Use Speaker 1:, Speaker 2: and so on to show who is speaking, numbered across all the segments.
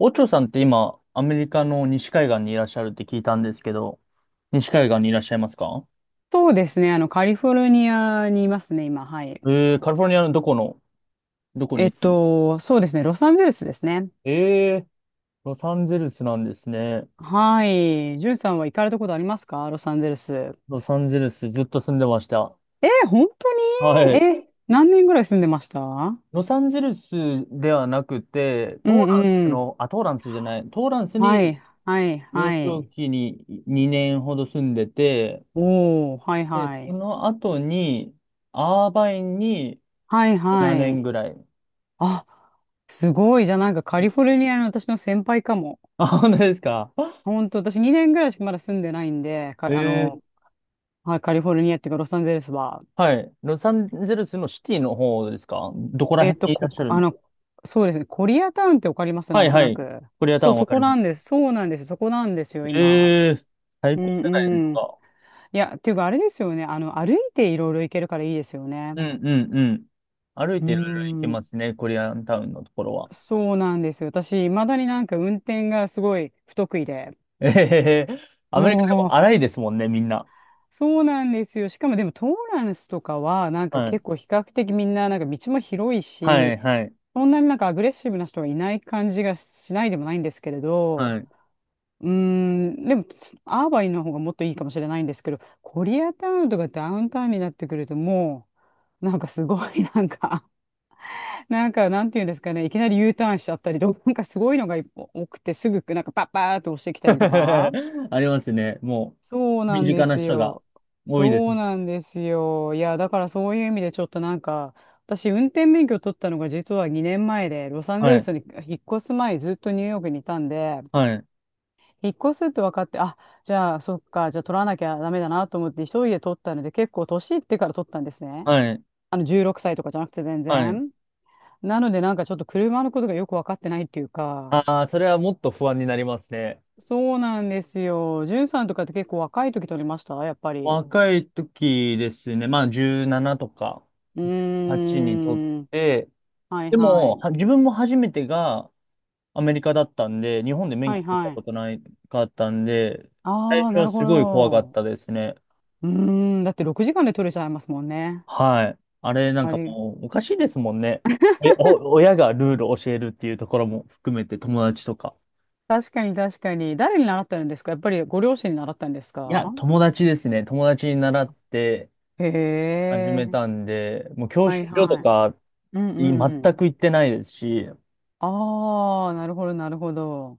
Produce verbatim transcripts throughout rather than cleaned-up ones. Speaker 1: オチョさんって今、アメリカの西海岸にいらっしゃるって聞いたんですけど、西海岸にいらっしゃいますか？
Speaker 2: そうですね。あの、カリフォルニアにいますね、今。はい。
Speaker 1: えー、カリフォルニアのどこの、どこ
Speaker 2: えっ
Speaker 1: に？
Speaker 2: と、そうですね。ロサンゼルスですね。
Speaker 1: えー、ロサンゼルスなんですね。
Speaker 2: はい。ジュンさんは行かれたことありますか、ロサンゼルス。
Speaker 1: ロサンゼルスずっと住んでました。
Speaker 2: えー、本
Speaker 1: は
Speaker 2: 当に
Speaker 1: い。
Speaker 2: え、何年ぐらい住んでました？う
Speaker 1: ロサンゼルスではなくて、
Speaker 2: ん
Speaker 1: トーラン
Speaker 2: う
Speaker 1: ス
Speaker 2: ん。
Speaker 1: の、あ、トーランスじゃない、トーランス
Speaker 2: は
Speaker 1: に
Speaker 2: い、はい、
Speaker 1: 幼
Speaker 2: は
Speaker 1: 少
Speaker 2: い。
Speaker 1: 期ににねんほど住んでて、
Speaker 2: おー、はい、
Speaker 1: で、
Speaker 2: は
Speaker 1: そ
Speaker 2: い。
Speaker 1: の後に、アーバインに
Speaker 2: はい、
Speaker 1: 7
Speaker 2: はい。
Speaker 1: 年ぐらい。
Speaker 2: あ、すごい。じゃあなんかカリフォルニアの私の先輩かも。
Speaker 1: あ、本当ですか。
Speaker 2: 本当、私にねんぐらいしかまだ住んでないんで、か、あ
Speaker 1: え
Speaker 2: の、はい、カリフォルニアっていうかロサンゼルスは。
Speaker 1: はい。ロサンゼルスのシティの方ですか？どこら
Speaker 2: えっ
Speaker 1: 辺
Speaker 2: と、
Speaker 1: にいらっ
Speaker 2: こ、
Speaker 1: しゃる
Speaker 2: あ
Speaker 1: ん？
Speaker 2: の、そうですね。コリアタウンってわかります、な
Speaker 1: は
Speaker 2: ん
Speaker 1: い
Speaker 2: と
Speaker 1: は
Speaker 2: な
Speaker 1: い。
Speaker 2: く？
Speaker 1: コリアタ
Speaker 2: そ
Speaker 1: ウ
Speaker 2: う、
Speaker 1: ンわ
Speaker 2: そ
Speaker 1: か
Speaker 2: こ
Speaker 1: りま
Speaker 2: なんで
Speaker 1: す。
Speaker 2: す。そうなんです。そこなんですよ、今。
Speaker 1: ええ、最
Speaker 2: う
Speaker 1: 高じゃないです
Speaker 2: んうん。
Speaker 1: か。
Speaker 2: いや、っていうか、あれですよね。あの、歩いていろいろ行けるからいいですよね。
Speaker 1: うんうんうん。歩い
Speaker 2: う
Speaker 1: ていろいろ行け
Speaker 2: ん。
Speaker 1: ますね、コリアンタウンのところは。
Speaker 2: そうなんですよ。私、いまだになんか運転がすごい不得意で。
Speaker 1: えへへへ。アメリカでも
Speaker 2: も
Speaker 1: 荒いで
Speaker 2: う、
Speaker 1: すもんね、みんな。
Speaker 2: そうなんですよ。しかもでも、トーランスとかは、なんか
Speaker 1: はい。
Speaker 2: 結構比較的みんな、なんか道も広い
Speaker 1: は
Speaker 2: し、
Speaker 1: いはい。
Speaker 2: そんなになんかアグレッシブな人はいない感じがしないでもないんですけれど、
Speaker 1: はい。
Speaker 2: うーん、でも、アーバインの方がもっといいかもしれないんですけど、コリアタウンとかダウンタウンになってくると、もう、なんかすごい、なんか、なんか、なんていうんですかね、いきなり U ターンしちゃったりとか、なんかすごいのが多くて、すぐ、なんかパッパーっと押してきたりとか。
Speaker 1: ありますね。も
Speaker 2: そう
Speaker 1: う、
Speaker 2: な
Speaker 1: 身
Speaker 2: ん
Speaker 1: 近
Speaker 2: で
Speaker 1: な
Speaker 2: す
Speaker 1: 人が
Speaker 2: よ。
Speaker 1: 多いです
Speaker 2: そう
Speaker 1: もん。
Speaker 2: なんですよ。いや、だからそういう意味でちょっとなんか、私、運転免許取ったのが実はにねんまえで、ロサンゼ
Speaker 1: は
Speaker 2: ル
Speaker 1: い。
Speaker 2: スに引っ越す前、ずっとニューヨークにいたんで、
Speaker 1: はい。
Speaker 2: 引っ越すって分かって、あ、じゃあ、そっか、じゃあ取らなきゃダメだなと思って、一人で取ったので、結構年いってから取ったんですね。
Speaker 1: はい。
Speaker 2: あの、じゅうろくさいとかじゃなくて全
Speaker 1: はい。
Speaker 2: 然。なので、なんかちょっと車のことがよく分かってないっていうか、
Speaker 1: ああ、それはもっと不安になりますね。
Speaker 2: そうなんですよ。じゅんさんとかって結構若い時取りました、やっぱり？
Speaker 1: 若い時ですね、まあじゅうななとか
Speaker 2: う
Speaker 1: はちにとっ
Speaker 2: ーん。
Speaker 1: て、
Speaker 2: はい
Speaker 1: で
Speaker 2: は
Speaker 1: も、
Speaker 2: い。
Speaker 1: は自分も初めてがアメリカだったんで、日本で免
Speaker 2: はい
Speaker 1: 許取った
Speaker 2: は
Speaker 1: こ
Speaker 2: い。
Speaker 1: とないかったんで、最
Speaker 2: ああ、
Speaker 1: 初
Speaker 2: な
Speaker 1: は
Speaker 2: るほ
Speaker 1: すごい怖かっ
Speaker 2: ど。
Speaker 1: たですね。
Speaker 2: うーん。だってろくじかんで取れちゃいますもんね。
Speaker 1: はい。あれなん
Speaker 2: あ
Speaker 1: か
Speaker 2: れ、
Speaker 1: もうおかしいですもんね。おやお親がルールを教えるっていうところも含めて友達とか。
Speaker 2: 確かに確かに。誰に習ってるんですか、やっぱりご両親に習ったんです
Speaker 1: いや、
Speaker 2: か？
Speaker 1: 友達ですね。友達に習って
Speaker 2: へ
Speaker 1: 始め
Speaker 2: え、
Speaker 1: たんで、もう教
Speaker 2: は
Speaker 1: 習
Speaker 2: い
Speaker 1: 所と
Speaker 2: はい。
Speaker 1: か
Speaker 2: うんう
Speaker 1: い全
Speaker 2: んうん。
Speaker 1: く行ってないですし、
Speaker 2: ああ、なるほど、なるほど。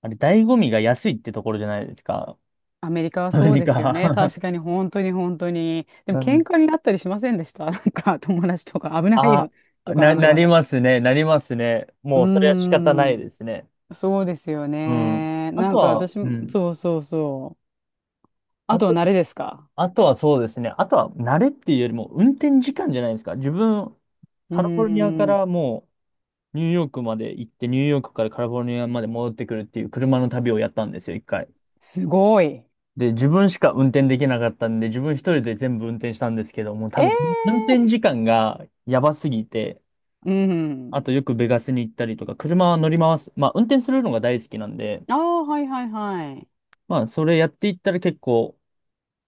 Speaker 1: あれ、醍醐味が安いってところじゃないですか。
Speaker 2: アメリカはそう
Speaker 1: 何
Speaker 2: ですよね。
Speaker 1: か
Speaker 2: 確かに、本当に、本当に。でも、
Speaker 1: な
Speaker 2: 喧
Speaker 1: ん、
Speaker 2: 嘩になったりしませんでした？ なんか、友達とか、危ない
Speaker 1: あ、
Speaker 2: よ、とか、
Speaker 1: な、
Speaker 2: なんと
Speaker 1: な
Speaker 2: か
Speaker 1: り
Speaker 2: と。
Speaker 1: ますね、なりますね。
Speaker 2: うー
Speaker 1: もう、それは仕方ない
Speaker 2: ん、
Speaker 1: ですね。
Speaker 2: そうですよ
Speaker 1: うん。
Speaker 2: ね。
Speaker 1: あ
Speaker 2: な
Speaker 1: と
Speaker 2: んか、
Speaker 1: は、
Speaker 2: 私
Speaker 1: う
Speaker 2: も、
Speaker 1: ん。
Speaker 2: そうそうそう。あ
Speaker 1: あ
Speaker 2: とは、
Speaker 1: と、
Speaker 2: 慣れですか？
Speaker 1: あとはそうですね。あとは、慣れっていうよりも、運転時間じゃないですか。自分、
Speaker 2: うー
Speaker 1: カリフォルニアか
Speaker 2: ん、
Speaker 1: らもう、ニューヨークまで行って、ニューヨークからカリフォルニアまで戻ってくるっていう車の旅をやったんですよ、一回。
Speaker 2: すごい。
Speaker 1: で、自分しか運転できなかったんで、自分一人で全部運転したんですけども、多
Speaker 2: え
Speaker 1: 分、運
Speaker 2: え
Speaker 1: 転時間がやばすぎて、
Speaker 2: ー、うん。
Speaker 1: あとよくベガスに行ったりとか、車は乗り回す。まあ、運転するのが大好きなんで、
Speaker 2: ああ、はいはいはい。
Speaker 1: まあ、それやっていったら結構、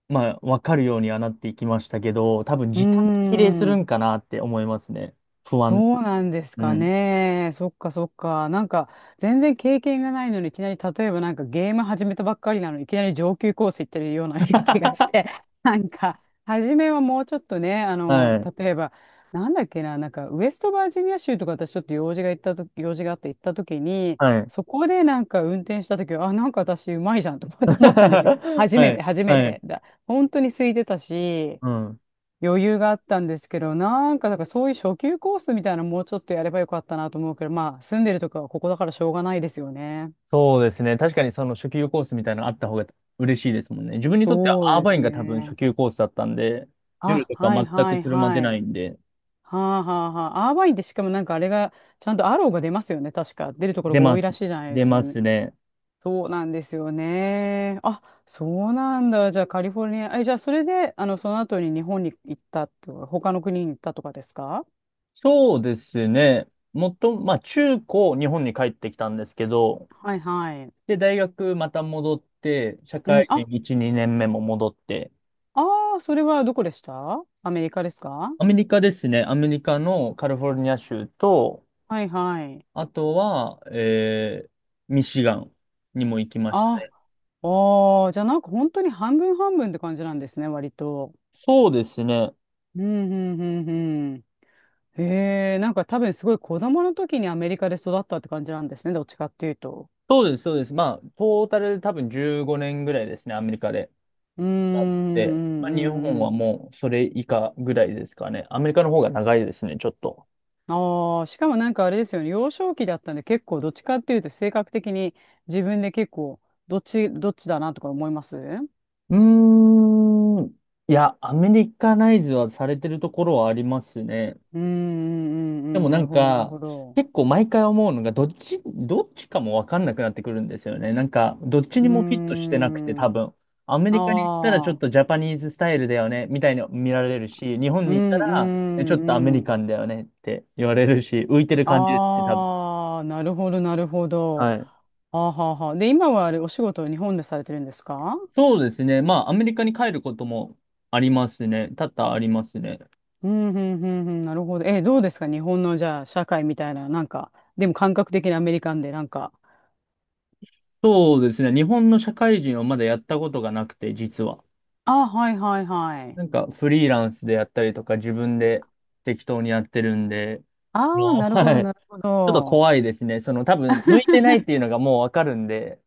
Speaker 1: まあ、わかるようにはなっていきましたけど、多分
Speaker 2: うー
Speaker 1: 時間に比例する
Speaker 2: ん。
Speaker 1: んかなって思いますね。不安。
Speaker 2: そうなんです
Speaker 1: う
Speaker 2: か
Speaker 1: ん。
Speaker 2: ね。そっかそっか。なんか、全然経験がないのに、いきなり、例えばなんかゲーム始めたばっかりなのに、いきなり上級コース行ってるような 気がし て、なんか、初めはもうちょっとね、あの、
Speaker 1: はい。
Speaker 2: 例えば、なんだっけな、なんか、ウェストバージニア州とか私ちょっと用事が行ったと、用事があって行った時に、
Speaker 1: はい。
Speaker 2: そこでなんか運転した時は、あ、なんか私うまいじゃんと思 って思ったんですよ。
Speaker 1: は
Speaker 2: 初めて、
Speaker 1: い。
Speaker 2: 初め
Speaker 1: は
Speaker 2: て
Speaker 1: い。
Speaker 2: だ。本当に空いてたし、
Speaker 1: うん。
Speaker 2: 余裕があったんですけど、なんか、だからそういう初級コースみたいなのもうちょっとやればよかったなと思うけど、まあ、住んでるとこはここだからしょうがないですよね。
Speaker 1: そうですね。確かにその初級コースみたいなのあった方が嬉しいですもんね。自分にとって
Speaker 2: そう
Speaker 1: はアー
Speaker 2: で
Speaker 1: バイ
Speaker 2: す
Speaker 1: ンが多分初
Speaker 2: ね。
Speaker 1: 級コースだったんで、夜
Speaker 2: あ、
Speaker 1: とか
Speaker 2: はい
Speaker 1: 全
Speaker 2: は
Speaker 1: く
Speaker 2: い
Speaker 1: 車出
Speaker 2: は
Speaker 1: な
Speaker 2: い。
Speaker 1: いんで、
Speaker 2: はあはあはあ。アーバインってしかもなんかあれが、ちゃんとアローが出ますよね。確か。出るところ
Speaker 1: 出
Speaker 2: が多
Speaker 1: ま
Speaker 2: いら
Speaker 1: す。
Speaker 2: しいじゃないで
Speaker 1: 出
Speaker 2: すよ
Speaker 1: ま
Speaker 2: ね。
Speaker 1: すね。
Speaker 2: そうなんですよね。あ、そうなんだ。じゃあカリフォルニア。え、じゃあそれで、あの、その後に日本に行ったとか、他の国に行ったとかですか？
Speaker 1: そうですね。もっと、まあ中高日本に帰ってきたんですけど、
Speaker 2: はいはい。
Speaker 1: で、大学また戻って、社
Speaker 2: うん、
Speaker 1: 会人
Speaker 2: あ、
Speaker 1: いち、にねんめも戻って、
Speaker 2: ああ、それはどこでした、アメリカですか？
Speaker 1: アメリカですね。アメリカのカリフォルニア州と、
Speaker 2: はいはい。
Speaker 1: あとは、えー、ミシガンにも行きました
Speaker 2: あ、
Speaker 1: ね。
Speaker 2: ああ、じゃあなんか本当に半分半分って感じなんですね、割と。
Speaker 1: そうですね。
Speaker 2: うん、うん、うん、うん。へえ、なんか多分すごい子供の時にアメリカで育ったって感じなんですね、どっちかっていうと。
Speaker 1: そうです、そうです。まあ、トータル多分じゅうごねんぐらいですね、アメリカで。
Speaker 2: うーん、う
Speaker 1: で、ま
Speaker 2: ん、
Speaker 1: あ、
Speaker 2: う
Speaker 1: 日本は
Speaker 2: ん。
Speaker 1: もうそれ以下ぐらいですかね。アメリカの方が長いですね、ちょっと。
Speaker 2: ああ、しかもなんかあれですよね、幼少期だったんで結構どっちかっていうと性格的に自分で結構どっち、どっちだなとか思います？う
Speaker 1: うーん。いや、アメリカナイズはされてるところはあります
Speaker 2: ん、
Speaker 1: ね。
Speaker 2: うん、うん、う
Speaker 1: でも
Speaker 2: ん、
Speaker 1: な
Speaker 2: なる
Speaker 1: ん
Speaker 2: ほど、なる
Speaker 1: か、
Speaker 2: ほど。
Speaker 1: 結構毎回思うのが、どっち、どっちかもわかんなくなってくるんですよね。なんか、どっち
Speaker 2: う
Speaker 1: に
Speaker 2: ー
Speaker 1: もフィットしてなくて、多
Speaker 2: ん。
Speaker 1: 分。アメリカに行ったらちょっ
Speaker 2: ああ。
Speaker 1: とジャパニーズスタイルだよね、みたいに見られるし、日本
Speaker 2: う
Speaker 1: に行った
Speaker 2: ん、う
Speaker 1: ら、えちょ
Speaker 2: ん、
Speaker 1: っとアメ
Speaker 2: う
Speaker 1: リ
Speaker 2: ん。
Speaker 1: カンだよねって言われるし、浮いてる感じですね、多分。
Speaker 2: ああ、なるほど、なるほど。
Speaker 1: はい。
Speaker 2: あはははで、今はあれ、お仕事を日本でされてるんですか？
Speaker 1: そうですね。まあ、アメリカに帰ることもありますね。多々ありますね。
Speaker 2: うん、うん、うん、うん。なるほど。え、どうですか日本の、じゃあ、社会みたいな、なんか、でも感覚的にアメリカンで、なんか。
Speaker 1: そうですね。日本の社会人をまだやったことがなくて、実は。
Speaker 2: あ、はい、はい、はい。
Speaker 1: なんかフリーランスでやったりとか自分で適当にやってるんで、そ
Speaker 2: ああ、
Speaker 1: の、
Speaker 2: なるほど、
Speaker 1: はい。ち
Speaker 2: なるほ
Speaker 1: ょっと
Speaker 2: ど。
Speaker 1: 怖いですね。その多分向いてないっていうのがもうわかるんで、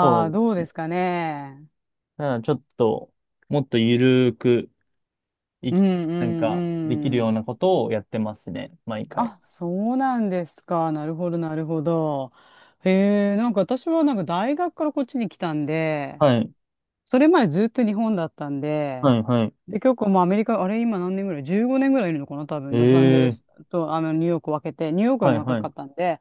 Speaker 1: そう
Speaker 2: あ、
Speaker 1: です
Speaker 2: どう
Speaker 1: ね。だ
Speaker 2: で
Speaker 1: か
Speaker 2: すかね。
Speaker 1: らちょっともっとゆるくい
Speaker 2: うん、う
Speaker 1: き、なんかできる
Speaker 2: ん、う
Speaker 1: よう
Speaker 2: ん。
Speaker 1: なことをやってますね。毎回。
Speaker 2: あ、そうなんですか。なるほど、なるほど。へえ、なんか私はなんか大学からこっちに来たんで、
Speaker 1: はい。
Speaker 2: それまでずっと日本だったんで、
Speaker 1: はい、はい。
Speaker 2: で、結構もうアメリカ、あれ今何年ぐらい？ じゅうご 年ぐらいいるのかな多分、ロサンゼル
Speaker 1: え
Speaker 2: ス
Speaker 1: え、
Speaker 2: とあのニューヨークを分けて、ニューヨークが
Speaker 1: はい、
Speaker 2: 長
Speaker 1: は
Speaker 2: かっ
Speaker 1: い。
Speaker 2: たんで、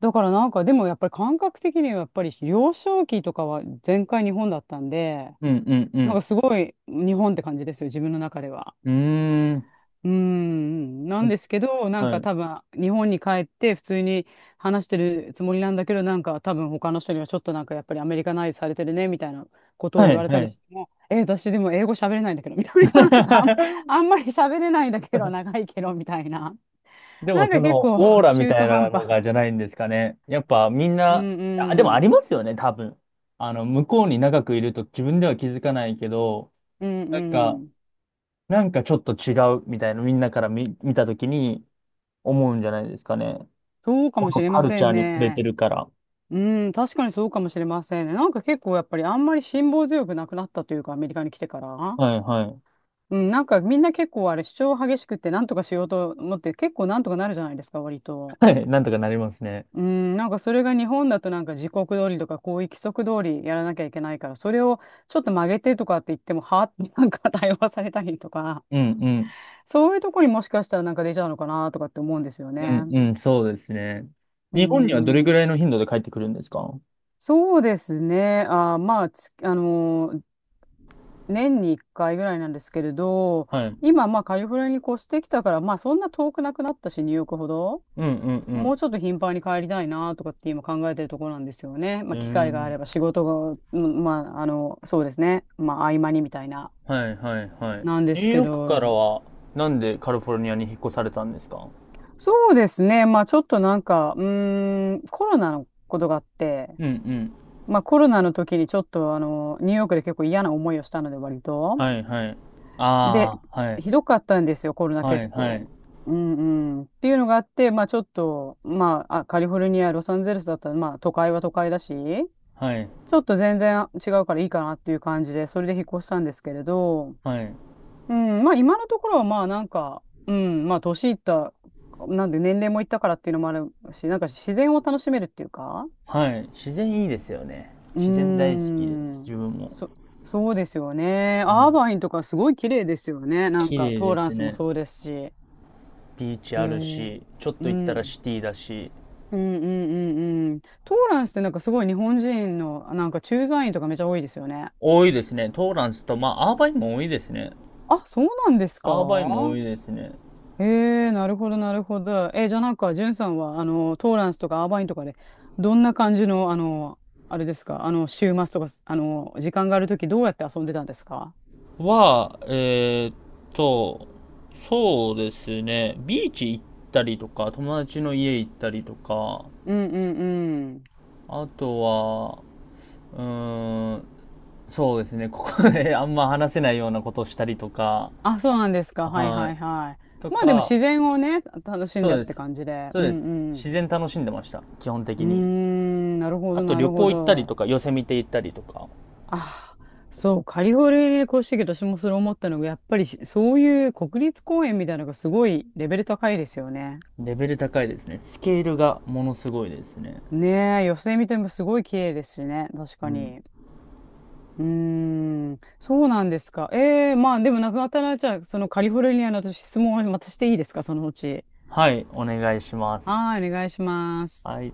Speaker 2: だからなんかでもやっぱり感覚的にはやっぱり幼少期とかは全開日本だったんで、
Speaker 1: うん、う
Speaker 2: なんか
Speaker 1: ん、
Speaker 2: すごい日本って感じですよ、自分の中では。
Speaker 1: うん。う
Speaker 2: うーん、な
Speaker 1: ー
Speaker 2: ん
Speaker 1: ん。
Speaker 2: ですけど、なん
Speaker 1: は
Speaker 2: か
Speaker 1: い。
Speaker 2: 多分、日本に帰って普通に話してるつもりなんだけど、なんか多分他の人にはちょっとなんかやっぱりアメリカナイズされてるね、みたいなことを
Speaker 1: は
Speaker 2: 言わ
Speaker 1: い、
Speaker 2: れた
Speaker 1: は
Speaker 2: り
Speaker 1: い。
Speaker 2: しても、え、私でも英語喋れないんだけど、みたいな、なんかあん、あんまり喋れないんだけど、長いけど、みたいな。
Speaker 1: で
Speaker 2: な
Speaker 1: も
Speaker 2: んか
Speaker 1: そ
Speaker 2: 結
Speaker 1: の
Speaker 2: 構
Speaker 1: オーラみ
Speaker 2: 中
Speaker 1: た
Speaker 2: 途
Speaker 1: い
Speaker 2: 半
Speaker 1: なの
Speaker 2: 端。
Speaker 1: がじゃないんですかね。やっぱみん
Speaker 2: う
Speaker 1: な、
Speaker 2: ん
Speaker 1: あ、でもあ
Speaker 2: う
Speaker 1: り
Speaker 2: ん。
Speaker 1: ますよね、多分。あの、向こうに長くいると自分では気づかないけど、
Speaker 2: うん
Speaker 1: なんか、
Speaker 2: うん。
Speaker 1: なんかちょっと違うみたいな、みんなから見、見たときに思うんじゃないですかね。
Speaker 2: そうか
Speaker 1: こ
Speaker 2: もし
Speaker 1: の
Speaker 2: れ
Speaker 1: カ
Speaker 2: ま
Speaker 1: ル
Speaker 2: せ
Speaker 1: チャー
Speaker 2: ん
Speaker 1: に触れて
Speaker 2: ね。
Speaker 1: るから。
Speaker 2: うん、確かにそうかもしれませんね。なんか結構やっぱりあんまり辛抱強くなくなったというか、アメリカに来てから。
Speaker 1: はいはい。
Speaker 2: うん、なんかみんな結構あれ主張激しくって、なんとかしようと思って結構なんとかなるじゃないですか、割 と。
Speaker 1: はい、なんとかなりますね。
Speaker 2: うん、なんかそれが日本だとなんか時刻通りとかこういう規則通りやらなきゃいけないから、それをちょっと曲げてとかって言ってもはあって なんか対応されたりとか、
Speaker 1: うんうん。
Speaker 2: そういうところにもしかしたらなんか出ちゃうのかなとかって思うんですよ
Speaker 1: う
Speaker 2: ね。
Speaker 1: んうん、そうですね。
Speaker 2: う
Speaker 1: 日本にはどれぐ
Speaker 2: ん、
Speaker 1: らいの頻度で帰ってくるんですか？
Speaker 2: そうですね。あ、まあ、つあのー年にいっかいぐらいなんですけれど、
Speaker 1: はい。
Speaker 2: 今まあカリフォルニアに越してきたから、まあそんな遠くなくなったし、ニューヨークほど。
Speaker 1: うんうんう
Speaker 2: も
Speaker 1: ん。
Speaker 2: うちょっと頻繁に帰りたいなとかって今考えてるところなんですよね。ま
Speaker 1: え
Speaker 2: あ、機会があれば
Speaker 1: ー
Speaker 2: 仕事が、うんまあ、あの、そうですね。まあ、合間にみたいな、
Speaker 1: はいはいはい。
Speaker 2: なんで
Speaker 1: ニュ
Speaker 2: す
Speaker 1: ー
Speaker 2: け
Speaker 1: ヨークから
Speaker 2: ど、
Speaker 1: は、なんでカリフォルニアに引っ越されたんですか？
Speaker 2: そうですね。まあ、ちょっとなんか、うーん、コロナのことがあって、
Speaker 1: うんうん。
Speaker 2: まあ、コロナの時にちょっと、あの、ニューヨークで結構嫌な思いをしたので、割と。
Speaker 1: はいはい。
Speaker 2: で、
Speaker 1: ああ、はい。
Speaker 2: ひどかったんですよ、コロナ
Speaker 1: は
Speaker 2: 結
Speaker 1: いはい。
Speaker 2: 構。うんうん、っていうのがあって、まあちょっと、まあ、あカリフォルニア、ロサンゼルスだったら、まあ都会は都会だし、
Speaker 1: はい。
Speaker 2: ちょっと全然違うからいいかなっていう感じで、それで引っ越したんですけれど、
Speaker 1: はい。
Speaker 2: うん、まあ今のところはまあなんか、うん、まあ年いった、なんで年齢もいったからっていうのもあるし、なんか自然を楽しめるっていうか、
Speaker 1: はい。自然いいですよね。
Speaker 2: うー
Speaker 1: 自然大好きです、
Speaker 2: ん、
Speaker 1: 自分も。
Speaker 2: そ、そうですよね。
Speaker 1: う
Speaker 2: アー
Speaker 1: ん。
Speaker 2: バインとかすごい綺麗ですよね。なん
Speaker 1: 綺
Speaker 2: か
Speaker 1: 麗
Speaker 2: ト
Speaker 1: で
Speaker 2: ーラン
Speaker 1: す
Speaker 2: スも
Speaker 1: ね。
Speaker 2: そうですし。へ
Speaker 1: ビーチある
Speaker 2: え。
Speaker 1: し、ちょっ
Speaker 2: う
Speaker 1: と行ったらシ
Speaker 2: ん。
Speaker 1: ティだし。
Speaker 2: うんうんうんうん。トーランスってなんかすごい日本人のなんか駐在員とかめちゃ多いですよね。
Speaker 1: 多いですね。トーランスと、まあ、アーバインも多いですね。
Speaker 2: あ、そうなんですか？
Speaker 1: アーバインも多いですね。
Speaker 2: ええなるほど、なるほど。えじゃあなんか、ジュンさんは、あの、トーランスとかアーバインとかで、どんな感じの、あの、あれですか、あの、週末とか、あの、時間があるとき、どうやって遊んでたんですか？
Speaker 1: は、えーっと、そうですね、ビーチ行ったりとか、友達の家行ったりとか、
Speaker 2: うんうんうん。
Speaker 1: あとは、うーん、そうですね、ここで あんま話せないようなことをしたりとか、
Speaker 2: あ、そうなんですか。はい
Speaker 1: は
Speaker 2: はい
Speaker 1: い。
Speaker 2: は
Speaker 1: と
Speaker 2: い。まあでも自
Speaker 1: か、
Speaker 2: 然をね、楽しん
Speaker 1: そ
Speaker 2: だ
Speaker 1: う
Speaker 2: っ
Speaker 1: で
Speaker 2: て
Speaker 1: す。
Speaker 2: 感じで。
Speaker 1: そう
Speaker 2: う
Speaker 1: で
Speaker 2: ん
Speaker 1: す。
Speaker 2: う
Speaker 1: 自
Speaker 2: ん。
Speaker 1: 然楽しんでました、基本
Speaker 2: う
Speaker 1: 的
Speaker 2: ー
Speaker 1: に。
Speaker 2: ん、なるほ
Speaker 1: あ
Speaker 2: ど
Speaker 1: と
Speaker 2: な
Speaker 1: 旅
Speaker 2: るほ
Speaker 1: 行行ったりと
Speaker 2: ど。
Speaker 1: か、寄せ見て行ったりとか、
Speaker 2: あ、そう、カリフォルニアに越してきて私もそれ思ったのが、やっぱりしそういう国立公園みたいなのがすごいレベル高いですよね。
Speaker 1: レベル高いですね。スケールがものすごいですね。
Speaker 2: ねえ、寄せ見てもすごい綺麗ですしね、確か
Speaker 1: うん。
Speaker 2: に。うーん、そうなんですか。ええまあでもなくなったら、じゃあ、そのカリフォルニアの私質問をまたしていいですか、そのうち。
Speaker 1: はい、お願いします。
Speaker 2: はい、お願いします。
Speaker 1: はい。